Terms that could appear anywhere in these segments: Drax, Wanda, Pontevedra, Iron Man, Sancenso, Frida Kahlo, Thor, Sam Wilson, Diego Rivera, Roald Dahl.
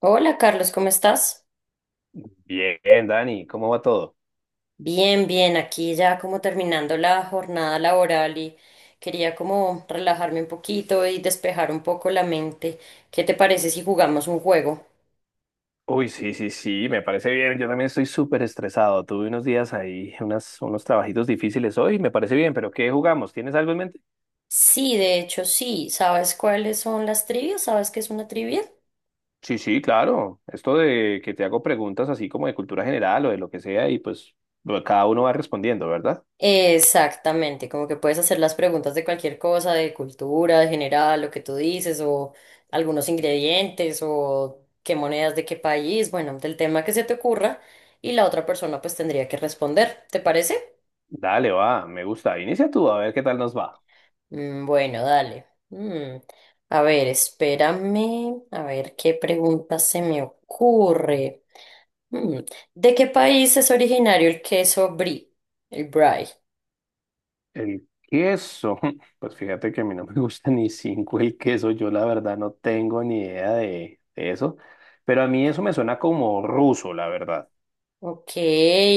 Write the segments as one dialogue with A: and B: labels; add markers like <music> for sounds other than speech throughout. A: Hola Carlos, ¿cómo estás?
B: Bien, Dani, ¿cómo va todo?
A: Bien, bien, aquí ya como terminando la jornada laboral y quería como relajarme un poquito y despejar un poco la mente. ¿Qué te parece si jugamos un juego?
B: Uy, sí, sí, sí, me parece bien. Yo también estoy súper estresado. Tuve unos días ahí, unos trabajitos difíciles hoy, me parece bien, pero ¿qué jugamos? ¿Tienes algo en mente?
A: Sí, de hecho sí. ¿Sabes cuáles son las trivias? ¿Sabes qué es una trivia?
B: Sí, sí, claro. Esto de que te hago preguntas así como de cultura general o de lo que sea y pues bueno, cada uno va respondiendo, ¿verdad?
A: Exactamente, como que puedes hacer las preguntas de cualquier cosa, de cultura, de general, lo que tú dices, o algunos ingredientes, o qué monedas de qué país, bueno, del tema que se te ocurra, y la otra persona pues tendría que responder, ¿te parece?
B: Dale, va, me gusta. Inicia tú, a ver qué tal nos va.
A: Mm, bueno, dale. A ver, espérame, a ver qué pregunta se me ocurre. Mm, ¿De qué país es originario el queso brie? El brie.
B: El queso, <laughs> pues fíjate que a mí no me <laughs> gusta ni cinco el queso, yo la verdad no tengo ni idea de eso, pero a mí eso me suena como ruso, la verdad,
A: Ok,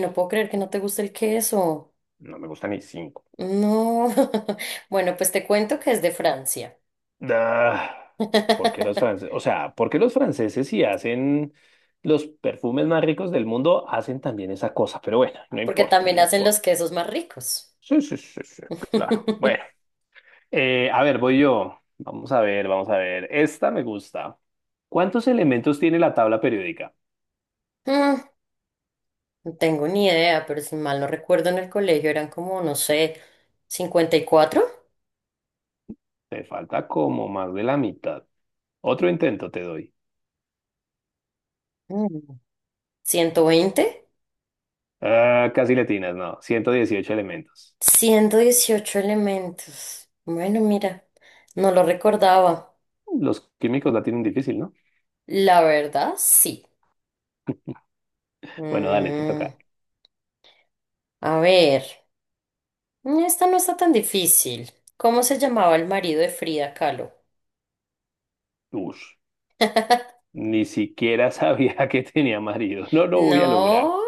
A: no puedo creer que no te guste el queso.
B: no me gusta ni cinco.
A: No, <laughs> bueno, pues te cuento que es de Francia,
B: Ah, ¿por qué los
A: <laughs>
B: franceses? O sea, ¿por qué los franceses si hacen los perfumes más ricos del mundo hacen también esa cosa? Pero bueno, no
A: porque
B: importa,
A: también
B: no
A: hacen los
B: importa.
A: quesos más ricos.
B: Sí, sí, sí, sí, claro. Bueno,
A: <laughs>
B: a ver, voy yo. Vamos a ver, vamos a ver. Esta me gusta. ¿Cuántos elementos tiene la tabla periódica?
A: Mm, No tengo ni idea, pero si mal no recuerdo en el colegio eran como, no sé, 54,
B: Te falta como más de la mitad. Otro intento te doy.
A: mm, 120,
B: Ah, casi le atinas, no. 118 elementos.
A: 118 elementos. Bueno, mira, no lo recordaba.
B: Los químicos la tienen difícil, ¿no?
A: La verdad, sí.
B: Bueno, dale, te
A: Mm,
B: toca.
A: a ver, esta no está tan difícil. ¿Cómo se llamaba el marido de Frida Kahlo?
B: Ush, ni siquiera sabía <laughs> que tenía marido. No lo voy a lograr.
A: No,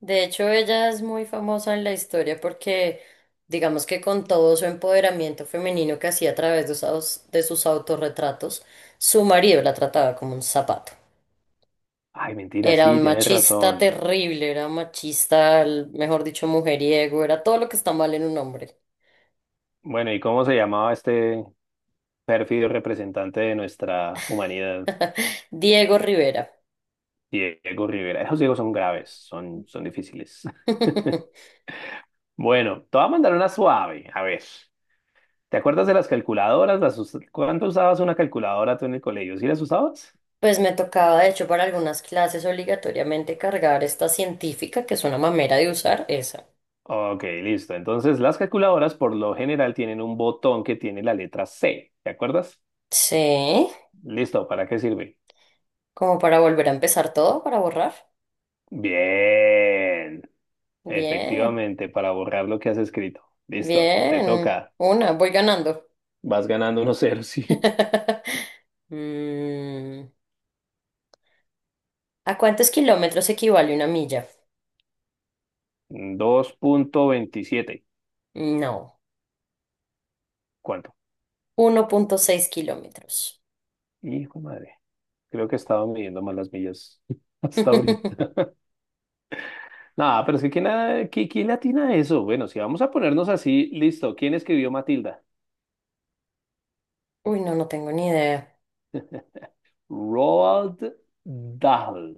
A: de hecho ella es muy famosa en la historia porque digamos que con todo su empoderamiento femenino que hacía a través de de sus autorretratos, su marido la trataba como un zapato.
B: Ay, mentira,
A: Era
B: sí,
A: un
B: tienes
A: machista
B: razón.
A: terrible, era un machista, mejor dicho, mujeriego, era todo lo que está mal en un hombre.
B: Bueno, ¿y cómo se llamaba este pérfido representante de nuestra humanidad?
A: Diego Rivera.
B: Diego Rivera. Esos ciegos son graves, son difíciles. <laughs>
A: <laughs>
B: Bueno, te voy a mandar una suave. A ver. ¿Te acuerdas de las calculadoras? ¿Cuánto usabas una calculadora tú en el colegio? ¿Sí las usabas?
A: Pues me tocaba, de hecho, para algunas clases obligatoriamente cargar esta científica, que es una mamera de usar, esa.
B: Ok, listo. Entonces, las calculadoras por lo general tienen un botón que tiene la letra C. ¿Te acuerdas?
A: Sí.
B: Listo, ¿para qué sirve?
A: Como para volver a empezar todo, para borrar.
B: Bien.
A: Bien,
B: Efectivamente, para borrar lo que has escrito. Listo, te
A: bien.
B: toca.
A: Una, voy ganando.
B: Vas ganando 1-0, <laughs> sí.
A: <laughs> Mm, ¿A cuántos kilómetros equivale una milla?
B: 2,27.
A: No,
B: ¿Cuánto?
A: 1,6 kilómetros.
B: Hijo de madre. Creo que estaba midiendo mal las millas <laughs> hasta ahorita.
A: <laughs>
B: Nada, pero es que ¿quién, quién le atina a eso? Bueno, si vamos a ponernos así, listo. ¿Quién escribió Matilda?
A: Uy, no, no tengo ni idea.
B: Roald Dahl.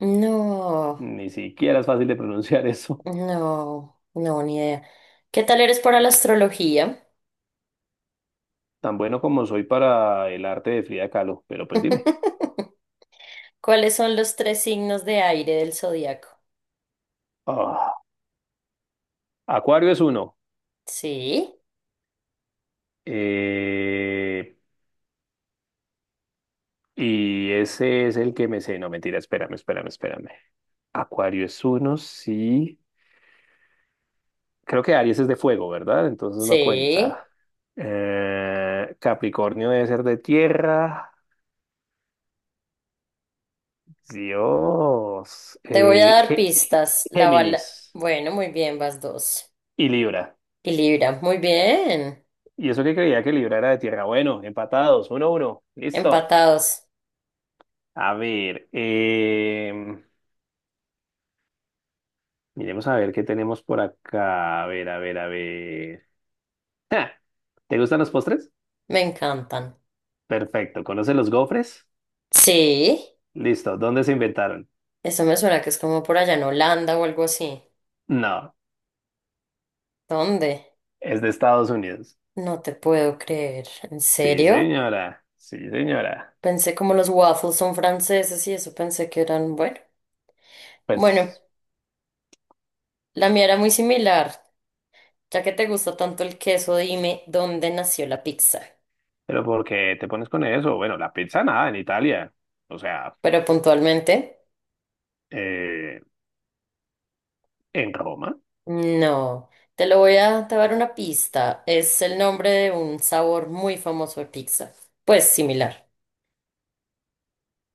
A: No,
B: Ni siquiera es fácil de pronunciar eso.
A: no, no, ni idea. ¿Qué tal eres para la astrología?
B: Tan bueno como soy para el arte de Frida Kahlo, pero pues dime.
A: <laughs> ¿Cuáles son los tres signos de aire del zodiaco?
B: Ah, Acuario es uno.
A: Sí,
B: Eh, y ese es el que me sé. No, mentira, espérame, espérame, espérame. Acuario es uno, sí. Creo que Aries es de fuego, ¿verdad? Entonces no
A: sí.
B: cuenta. Capricornio debe ser de tierra. Dios.
A: Te voy a dar pistas. La bala.
B: Géminis
A: Bueno, muy bien, vas dos.
B: y Libra.
A: Y Libra, muy bien.
B: Y eso que creía que Libra era de tierra. Bueno, empatados, 1-1. Listo.
A: Empatados.
B: A ver, miremos a ver qué tenemos por acá. A ver, a ver, a ver. ¡Ja! ¿Te gustan los postres?
A: Me encantan.
B: Perfecto. ¿Conoces los gofres?
A: Sí,
B: Listo. ¿Dónde se inventaron?
A: eso me suena que es como por allá en Holanda o algo así.
B: No,
A: ¿Dónde?
B: es de Estados Unidos.
A: No te puedo creer. ¿En
B: Sí,
A: serio?
B: señora, sí, señora.
A: Pensé como los waffles son franceses y eso pensé que eran, bueno. Bueno,
B: Pues,
A: la mía era muy similar. Ya que te gusta tanto el queso, dime dónde nació la pizza.
B: pero ¿por qué te pones con eso? Bueno, la pizza nada en Italia. O sea,
A: Pero puntualmente.
B: eh, en Roma.
A: No, te voy a dar una pista. Es el nombre de un sabor muy famoso de pizza. Pues similar.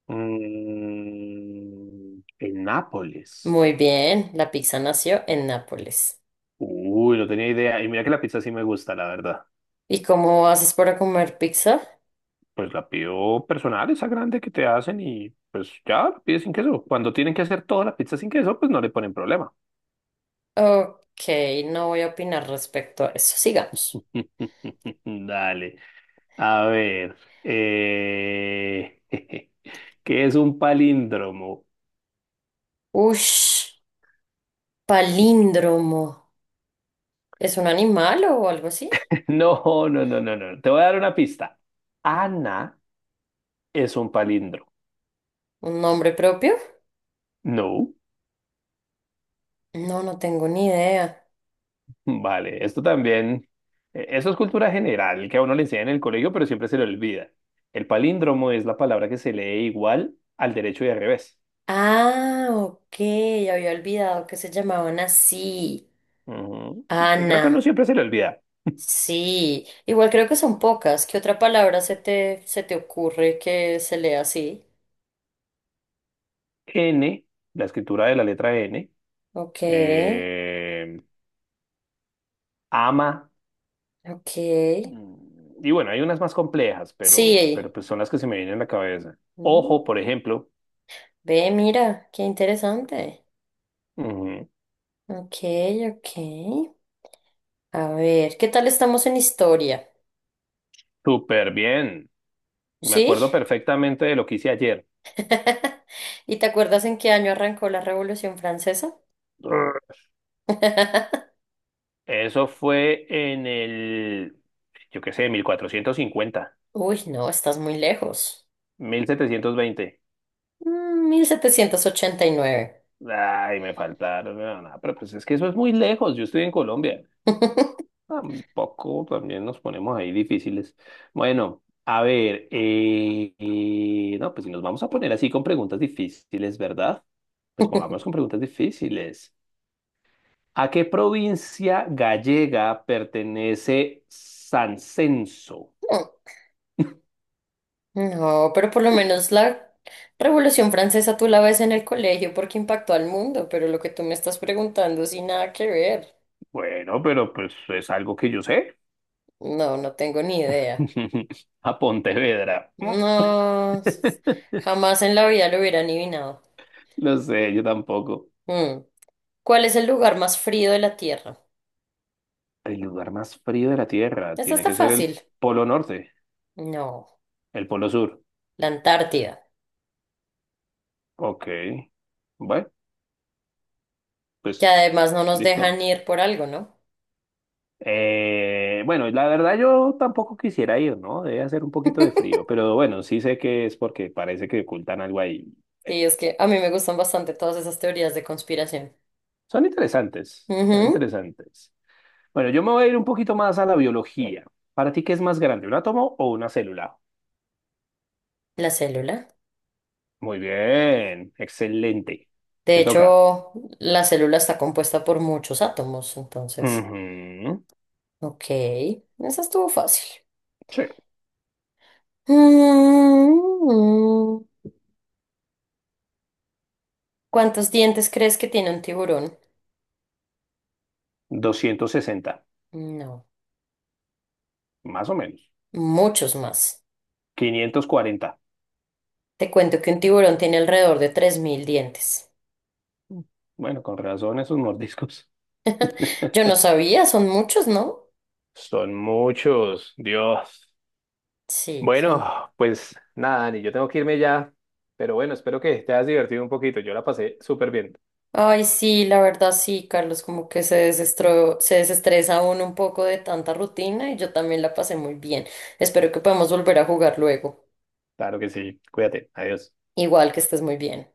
B: Mm, en Nápoles.
A: Muy bien, la pizza nació en Nápoles.
B: Uy, no tenía idea. Y mira que la pizza sí me gusta, la verdad.
A: ¿Y cómo haces para comer pizza?
B: Pues la pido personal, esa grande que te hacen y pues ya la pides sin queso. Cuando tienen que hacer toda la pizza sin queso, pues no le ponen problema.
A: Ok, no voy a opinar respecto a eso. Sigamos.
B: <laughs> Dale. A ver, eh, <laughs> ¿qué es un palíndromo?
A: Ush,
B: <laughs>
A: palíndromo. ¿Es un animal o algo así?
B: No, no, no, no, no. Te voy a dar una pista. Ana es un palíndromo.
A: ¿Un nombre propio?
B: No,
A: No, no tengo ni idea.
B: vale. Esto también, eso es cultura general que a uno le enseñan en el colegio, pero siempre se le olvida. El palíndromo es la palabra que se lee igual al derecho y al revés.
A: Ah, ok, había olvidado que se llamaban así.
B: Ujú. Que creo
A: Ana.
B: que a uno siempre se le olvida.
A: Sí, igual creo que son pocas. ¿Qué otra palabra se te ocurre que se lea así?
B: N, la escritura de la letra N.
A: Ok,
B: eh, ama.
A: ok.
B: Mm, Y bueno, hay unas más complejas, pero,
A: Sí.
B: pero pues son las que se me vienen a la cabeza. Ojo,
A: Mm,
B: por ejemplo.
A: ve, mira, qué interesante.
B: Ujú.
A: Ok, ok. A ver, ¿qué tal estamos en historia?
B: Súper bien. Me
A: ¿Sí?
B: acuerdo perfectamente de lo que hice ayer.
A: <laughs> ¿Y te acuerdas en qué año arrancó la Revolución Francesa?
B: Eso fue en el, yo qué sé, mil cuatrocientos cincuenta,
A: Uy, no, estás muy lejos.
B: 1720.
A: Mm, 1789.
B: Ay, me faltaron. No, no, pero pues es que eso es muy lejos. Yo estoy en Colombia. Tampoco también nos ponemos ahí difíciles. Bueno, a ver, no, pues si nos vamos a poner así con preguntas difíciles, ¿verdad? Pues pongámonos con
A: <laughs>
B: preguntas difíciles. ¿A qué provincia gallega pertenece Sancenso?
A: No, pero por lo menos la Revolución Francesa tú la ves en el colegio porque impactó al mundo, pero lo que tú me estás preguntando sin nada que ver.
B: Bueno, pero pues es algo que yo sé.
A: No, no tengo ni idea.
B: <laughs> A Pontevedra.
A: No,
B: <laughs>
A: jamás en la vida lo hubiera adivinado.
B: Lo sé, yo tampoco.
A: Mm. ¿Cuál es el lugar más frío de la Tierra?
B: El lugar más frío de la Tierra
A: Esta
B: tiene
A: está
B: que ser
A: fácil.
B: el Polo Norte,
A: No,
B: el Polo Sur.
A: la Antártida,
B: Ok, bueno,
A: que
B: pues
A: además no nos
B: listo.
A: dejan ir por algo, ¿no?
B: Bueno, la verdad yo tampoco quisiera ir, ¿no? Debe hacer un poquito de frío, pero bueno, sí sé que es porque parece que ocultan algo ahí.
A: Sí, es que a mí me gustan bastante todas esas teorías de conspiración.
B: Son interesantes, son
A: Ujú.
B: interesantes. Bueno, yo me voy a ir un poquito más a la biología. ¿Para ti qué es más grande, un átomo o una célula?
A: La célula.
B: Muy bien, excelente.
A: De
B: Te toca.
A: hecho, la célula está compuesta por muchos átomos, entonces.
B: Ujú.
A: Ok, esa estuvo fácil.
B: Sí,
A: Mm, ¿Cuántos dientes crees que tiene un tiburón?
B: 260,
A: No,
B: más o menos.
A: muchos más.
B: 540.
A: Te cuento que un tiburón tiene alrededor de 3000 dientes.
B: Bueno, con razón esos mordiscos. <laughs>
A: Yo no sabía, son muchos, ¿no?
B: Son muchos, Dios.
A: Sí, son.
B: Bueno, pues nada, Dani, yo tengo que irme ya, pero bueno, espero que te hayas divertido un poquito. Yo la pasé súper bien.
A: Ay, sí, la verdad sí, Carlos, como que se desestresa uno un poco de tanta rutina y yo también la pasé muy bien. Espero que podamos volver a jugar luego.
B: Claro que sí, cuídate, adiós.
A: Igual que estés muy bien.